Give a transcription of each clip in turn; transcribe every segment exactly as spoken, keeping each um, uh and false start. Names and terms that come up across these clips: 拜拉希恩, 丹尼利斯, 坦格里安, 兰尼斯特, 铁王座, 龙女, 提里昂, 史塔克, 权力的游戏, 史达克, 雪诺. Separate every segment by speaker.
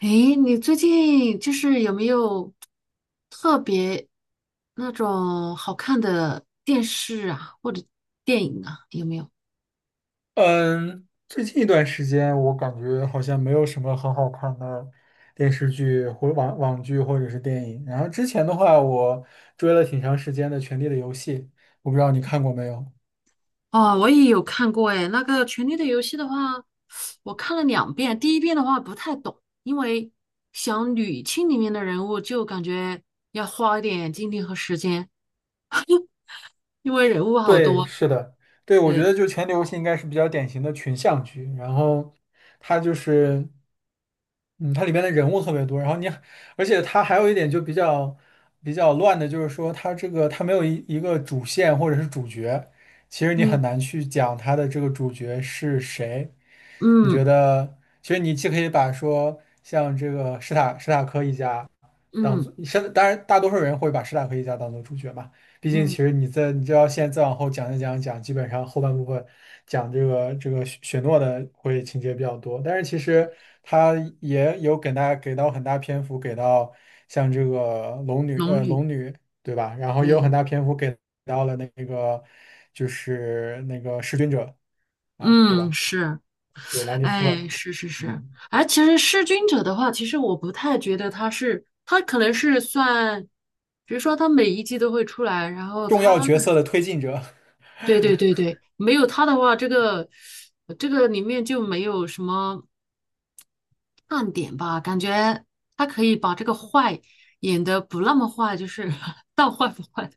Speaker 1: 诶，你最近就是有没有特别那种好看的电视啊，或者电影啊？有没有？
Speaker 2: 嗯，最近一段时间我感觉好像没有什么很好看的电视剧或网网剧或者是电影。然后之前的话，我追了挺长时间的《权力的游戏》，我不知道你看过没有。
Speaker 1: 哦，我也有看过诶，那个《权力的游戏》的话，我看了两遍。第一遍的话不太懂，因为想捋清里面的人物，就感觉要花一点精力和时间，因为人物好
Speaker 2: 对，
Speaker 1: 多。
Speaker 2: 是的，对，我觉
Speaker 1: 对，
Speaker 2: 得就前流戏应该是比较典型的群像剧，然后它就是，嗯，它里边的人物特别多，然后你，而且它还有一点就比较比较乱的，就是说它这个它没有一一个主线或者是主角，其实你
Speaker 1: 嗯
Speaker 2: 很难去讲它的这个主角是谁。你觉
Speaker 1: 嗯
Speaker 2: 得，其实你既可以把说像这个史塔史塔克一家。当
Speaker 1: 嗯
Speaker 2: 做现当然，大多数人会把史塔克一家当做主角嘛。毕竟，其
Speaker 1: 嗯，
Speaker 2: 实你在你就要现在再往后讲一讲讲，基本上后半部分讲这个这个雪雪诺的会情节比较多。但是其实他也有给大家给到很大篇幅，给到像这个龙女
Speaker 1: 龙
Speaker 2: 呃
Speaker 1: 女，
Speaker 2: 龙女对吧？然后也有很
Speaker 1: 对，
Speaker 2: 大篇幅给到了那个就是那个弑君者啊对
Speaker 1: 嗯
Speaker 2: 吧？
Speaker 1: 是。
Speaker 2: 对，兰尼斯
Speaker 1: 哎，
Speaker 2: 特，
Speaker 1: 是是是，
Speaker 2: 嗯，
Speaker 1: 哎，其实弑君者的话，其实我不太觉得他是，他可能是算，比如说他每一季都会出来，然后
Speaker 2: 重要
Speaker 1: 他的，
Speaker 2: 角色的推进者。
Speaker 1: 对对对对，没有他的话，这个这个里面就没有什么看点吧，感觉他可以把这个坏演得不那么坏，就是 到坏不坏，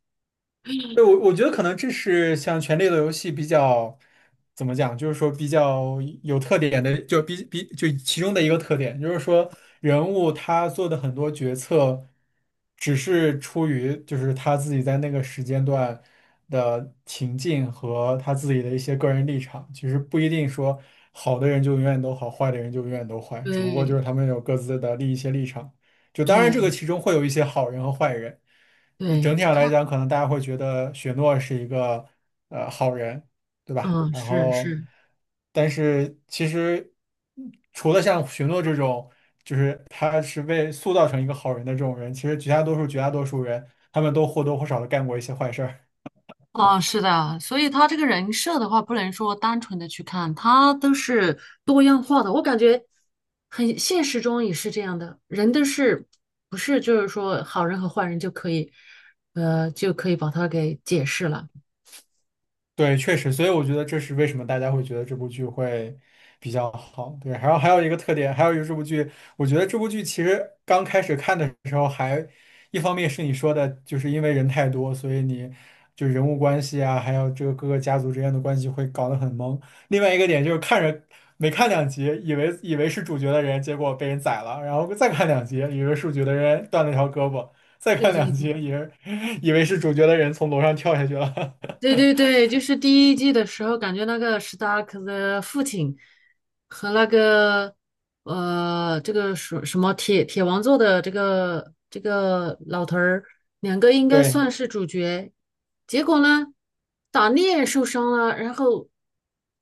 Speaker 2: 对，我我觉得可能这是像《权力的游戏》比较怎么讲，就是说比较有特点的，就比比就其中的一个特点，就是说人物他做的很多决策，只是出于就是他自己在那个时间段的情境和他自己的一些个人立场，其实不一定说好的人就永远都好，坏的人就永远都坏，只不过就
Speaker 1: 对
Speaker 2: 是他们有各自的立一些立场。就当然这个
Speaker 1: 对
Speaker 2: 其中会有一些好人和坏人。整
Speaker 1: 对，
Speaker 2: 体上来
Speaker 1: 他
Speaker 2: 讲，可能大家会觉得雪诺是一个呃好人，对吧？
Speaker 1: 嗯
Speaker 2: 然
Speaker 1: 是
Speaker 2: 后，
Speaker 1: 是。
Speaker 2: 但是其实嗯除了像雪诺这种，就是他是被塑造成一个好人的这种人，其实绝大多数绝大多数人，他们都或多或少的干过一些坏事儿。
Speaker 1: 啊，是的，所以他这个人设的话，不能说单纯的去看，他都是多样化的。我感觉很现实中也是这样的，人都是不是就是说好人和坏人就可以，呃，就可以把他给解释了。
Speaker 2: 对，确实，所以我觉得这是为什么大家会觉得这部剧会比较好。对，还有还有一个特点，还有一个这部剧，我觉得这部剧其实刚开始看的时候还，一方面是你说的，就是因为人太多，所以你就人物关系啊，还有这个各个家族之间的关系会搞得很懵。另外一个点就是看着没看两集，以为以为是主角的人，结果被人宰了，然后再看两集，以为是主角的人断了条胳膊，再
Speaker 1: 对
Speaker 2: 看
Speaker 1: 对
Speaker 2: 两集，
Speaker 1: 对，
Speaker 2: 以为 以为是主角的人从楼上跳下去了。
Speaker 1: 对对 对，就是第一季的时候，感觉那个史达克的父亲和那个呃，这个什什么铁铁王座的这个这个老头儿，两个应该
Speaker 2: 对，
Speaker 1: 算是主角。结果呢，打猎受伤了，然后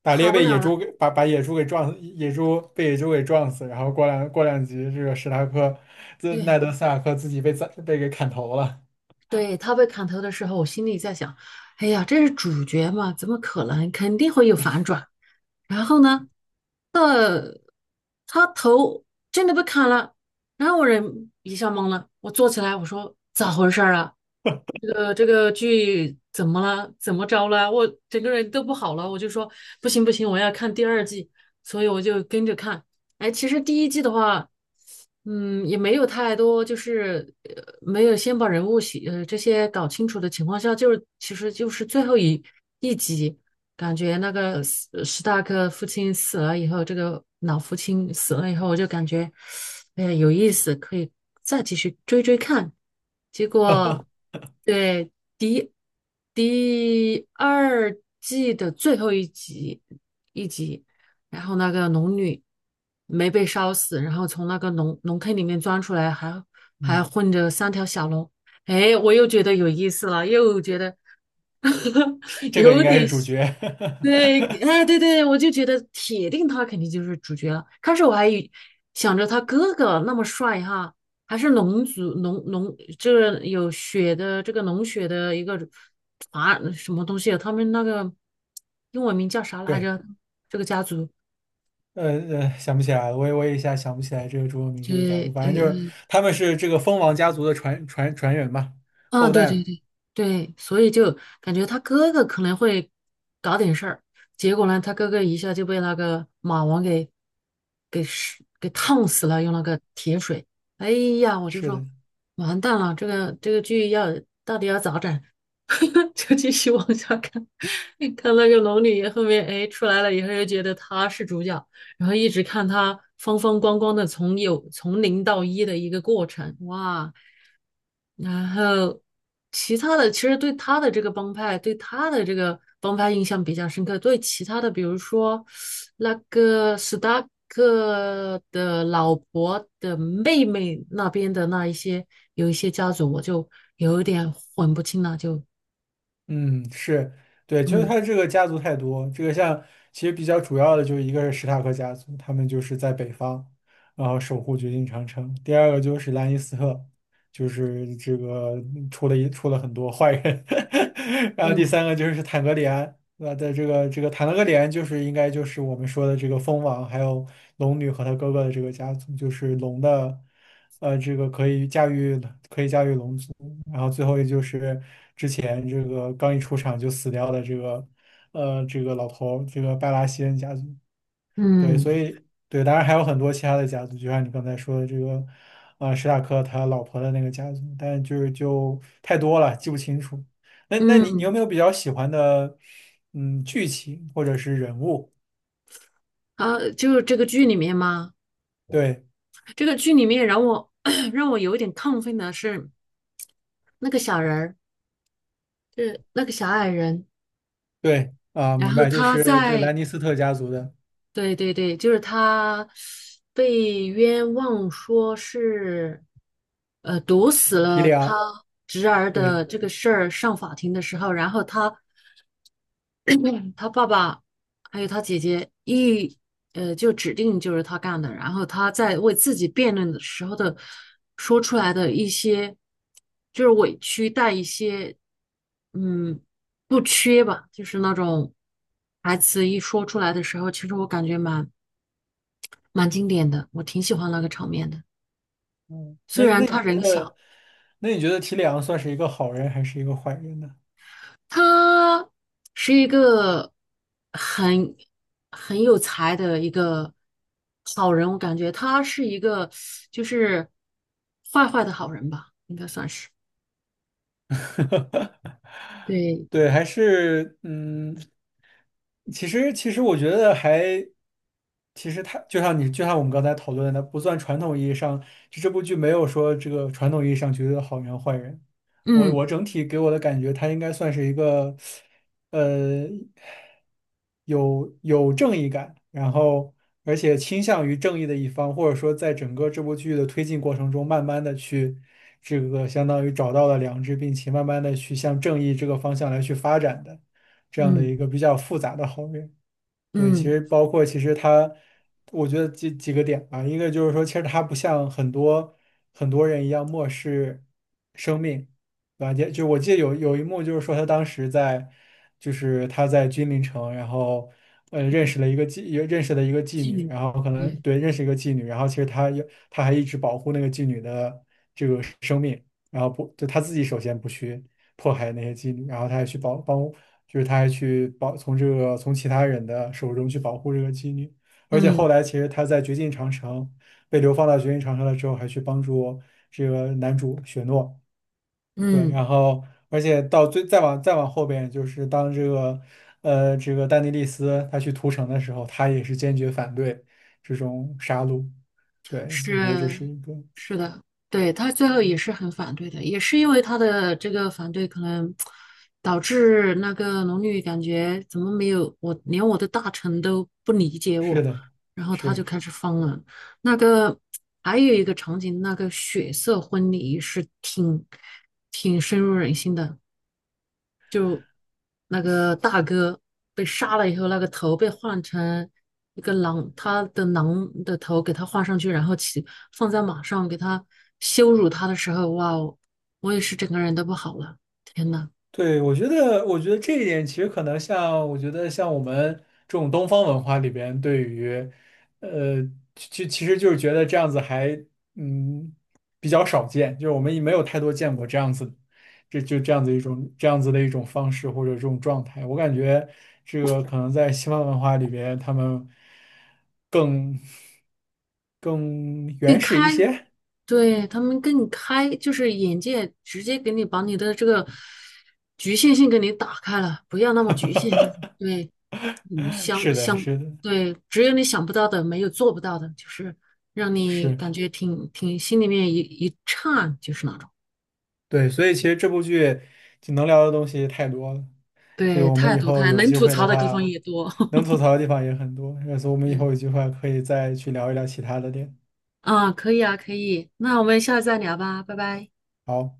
Speaker 2: 打猎
Speaker 1: 好不
Speaker 2: 被
Speaker 1: 了
Speaker 2: 野
Speaker 1: 了。
Speaker 2: 猪给把把野猪给撞，死，野猪被野猪给撞死，然后过两过两集，这个史塔克，这奈
Speaker 1: 对
Speaker 2: 德·斯塔克自己被宰被给砍头了。
Speaker 1: 对，他被砍头的时候，我心里在想，哎呀，这是主角嘛，怎么可能？肯定会有反转。然后呢，呃，他头真的被砍了，然后我人一下懵了，我坐起来，我说咋回事儿啊？这个这个剧怎么了？怎么着了？我整个人都不好了，我就说不行不行，我要看第二季，所以我就跟着看。哎，其实第一季的话，嗯，也没有太多，就是呃，没有先把人物写呃这些搞清楚的情况下，就是其实就是最后一一集。感觉那个史史大哥父亲死了以后，这个老父亲死了以后，我就感觉，哎呀，有意思，可以再继续追追看。结果，对，第第二季的最后一集，一集，然后那个龙女没被烧死，然后从那个龙龙坑里面钻出来，还还
Speaker 2: 嗯，
Speaker 1: 混着三条小龙。哎，我又觉得有意思了，又觉得
Speaker 2: 这 这个应
Speaker 1: 有
Speaker 2: 该
Speaker 1: 点
Speaker 2: 是主角。
Speaker 1: 对，对，哎，对对，我就觉得铁定他肯定就是主角了。开始我还以想着他哥哥那么帅哈，还是龙族龙龙，这个有血的这个龙血的一个啊什么东西啊，他们那个英文名叫啥 来
Speaker 2: 对，
Speaker 1: 着？这个家族，
Speaker 2: 呃呃，想不起来了，我也我也一下想不起来这个朱文明这个家族，
Speaker 1: 对，
Speaker 2: 反正就是他们是这个蜂王家族的传传传人嘛，
Speaker 1: 啊，
Speaker 2: 后
Speaker 1: 对
Speaker 2: 代
Speaker 1: 对
Speaker 2: 嘛。
Speaker 1: 对对，所以就感觉他哥哥可能会搞点事儿，结果呢，他哥哥一下就被那个马王给给是给烫死了，用那个铁水。哎呀，我就
Speaker 2: 是
Speaker 1: 说
Speaker 2: 的，
Speaker 1: 完蛋了，这个这个剧要到底要咋整？就继续往下看，看那个龙女后面，哎，出来了以后又觉得她是主角，然后一直看她风风光光的从有从零到一的一个过程，哇。然后其他的，其实对他的这个帮派，对他的这个帮派印象比较深刻。对其他的，比如说那个史达克的老婆的妹妹那边的那一些，有一些家族，我就有一点混不清了。就。
Speaker 2: 嗯，是，对，就是
Speaker 1: 嗯
Speaker 2: 他这个家族太多，这个像其实比较主要的就一个是史塔克家族，他们就是在北方，然后守护绝境长城；第二个就是兰尼斯特，就是这个出了一出了很多坏人；然后第
Speaker 1: 嗯
Speaker 2: 三个就是坦格里安，呃的这个这个谈了个点，就是应该就是我们说的这个蜂王，还有龙女和她哥哥的这个家族，就是龙的，呃，这个可以驾驭可以驾驭龙族，然后最后也就是之前这个刚一出场就死掉的这个，呃，这个老头儿这个拜拉希恩家族。对，
Speaker 1: 嗯
Speaker 2: 所以对，当然还有很多其他的家族，就像你刚才说的这个，呃，史塔克他老婆的那个家族，但就是就太多了，记不清楚。那那你你有
Speaker 1: 嗯。
Speaker 2: 没有比较喜欢的，嗯，剧情或者是人物？
Speaker 1: 啊，就是这个剧里面嘛，
Speaker 2: 对
Speaker 1: 这个剧里面让我 让我有一点亢奋的是那个小人儿，就是那个小矮人。
Speaker 2: 对啊，
Speaker 1: 然
Speaker 2: 明
Speaker 1: 后
Speaker 2: 白，就
Speaker 1: 他
Speaker 2: 是这
Speaker 1: 在，
Speaker 2: 兰尼斯特家族的
Speaker 1: 对对对，就是他被冤枉说是，呃，毒死
Speaker 2: 提
Speaker 1: 了
Speaker 2: 里
Speaker 1: 他
Speaker 2: 昂。
Speaker 1: 侄儿
Speaker 2: 对，
Speaker 1: 的这个事儿上法庭的时候，然后他嗯他爸爸还有他姐姐一呃就指定就是他干的，然后他在为自己辩论的时候的说出来的一些就是委屈，带一些嗯不缺吧，就是那种台词一说出来的时候，其实我感觉蛮蛮经典的，我挺喜欢那个场面的。
Speaker 2: 嗯，
Speaker 1: 虽
Speaker 2: 那
Speaker 1: 然
Speaker 2: 那你
Speaker 1: 他
Speaker 2: 觉
Speaker 1: 人小，
Speaker 2: 得，那你觉得提里昂算是一个好人还是一个坏人呢？
Speaker 1: 他是一个很很有才的一个好人，我感觉他是一个就是坏坏的好人吧，应该算是。对，
Speaker 2: 对，还是嗯，其实其实我觉得还，其实它就像你就像我们刚才讨论的，不算传统意义上，就这部剧没有说这个传统意义上绝对的好人和坏人。我
Speaker 1: 嗯
Speaker 2: 我整体给我的感觉，他应该算是一个。呃，有有正义感，然后而且倾向于正义的一方，或者说在整个这部剧的推进过程中，慢慢的去这个相当于找到了良知，并且慢慢的去向正义这个方向来去发展的这样的
Speaker 1: 嗯
Speaker 2: 一个比较复杂的好人。对，其
Speaker 1: 嗯，
Speaker 2: 实包括其实他，我觉得几几个点吧，一个就是说，其实他不像很多很多人一样漠视生命，对吧？也就我记得有有一幕就是说，他当时在就是他在君临城，然后呃认识了一个妓，也认识了一个妓
Speaker 1: 妓
Speaker 2: 女，
Speaker 1: 女，
Speaker 2: 然后可能
Speaker 1: 对，
Speaker 2: 对认识一个妓女，然后其实他有他还一直保护那个妓女的。然后不就他自己首先不去迫害那些妓女，然后他还去保帮，就是他还去保从这个从其他人的手中去保护这个妓女，而且后
Speaker 1: 嗯
Speaker 2: 来其实他在绝境长城被流放到绝境长城了之后，还去帮助这个男主雪诺，对，
Speaker 1: 嗯。
Speaker 2: 然后而且到最再往再往后边就是当这个呃这个丹尼利斯他去屠城的时候，他也是坚决反对这种杀戮，对，我觉得这
Speaker 1: 是
Speaker 2: 是一个
Speaker 1: 是的，对，他最后也是很反对的，也是因为他的这个反对，可能导致那个龙女感觉怎么没有我，连我的大臣都不理解
Speaker 2: 是
Speaker 1: 我，
Speaker 2: 的。
Speaker 1: 然后他就
Speaker 2: 是，
Speaker 1: 开始疯了。那个还有一个场景，那个血色婚礼是挺挺深入人心的。那个大哥被杀了以后，那个头被换成一个狼，他的狼的头给他换上去，然后骑放在马上给他羞辱他的时候，哇哦，我也是整个人都不好了，天呐！
Speaker 2: 对，我觉得，我觉得这一点其实可能像，我觉得像我们这种东方文化里边，对于，呃，其其实就是觉得这样子还，嗯，比较少见，就是我们也没有太多见过这样子，这就这样子一种这样子的一种方式或者这种状态。我感觉这个可能在西方文化里边，他们更更
Speaker 1: 跟
Speaker 2: 原
Speaker 1: 开
Speaker 2: 始一些。
Speaker 1: 对，他们更开，就是眼界直接给你把你的这个局限性给你打开了，不要那么局限，就是对，嗯，想
Speaker 2: 是的，
Speaker 1: 想，
Speaker 2: 是的，
Speaker 1: 对，只有你想不到的，没有做不到的，就是让你
Speaker 2: 是。
Speaker 1: 感觉挺挺心里面一一颤，就是那种。
Speaker 2: 对，所以其实这部剧就能聊的东西太多了，这个
Speaker 1: 对，
Speaker 2: 我们
Speaker 1: 太
Speaker 2: 以
Speaker 1: 多
Speaker 2: 后
Speaker 1: 太
Speaker 2: 有
Speaker 1: 能
Speaker 2: 机
Speaker 1: 吐
Speaker 2: 会
Speaker 1: 槽
Speaker 2: 的
Speaker 1: 的地方
Speaker 2: 话，
Speaker 1: 也多。
Speaker 2: 能 吐槽的地方也很多，所以我们以
Speaker 1: 对，
Speaker 2: 后有机会可以再去聊一聊其他的点。
Speaker 1: 啊，可以啊，可以，那我们下次再聊吧，拜拜。
Speaker 2: 好。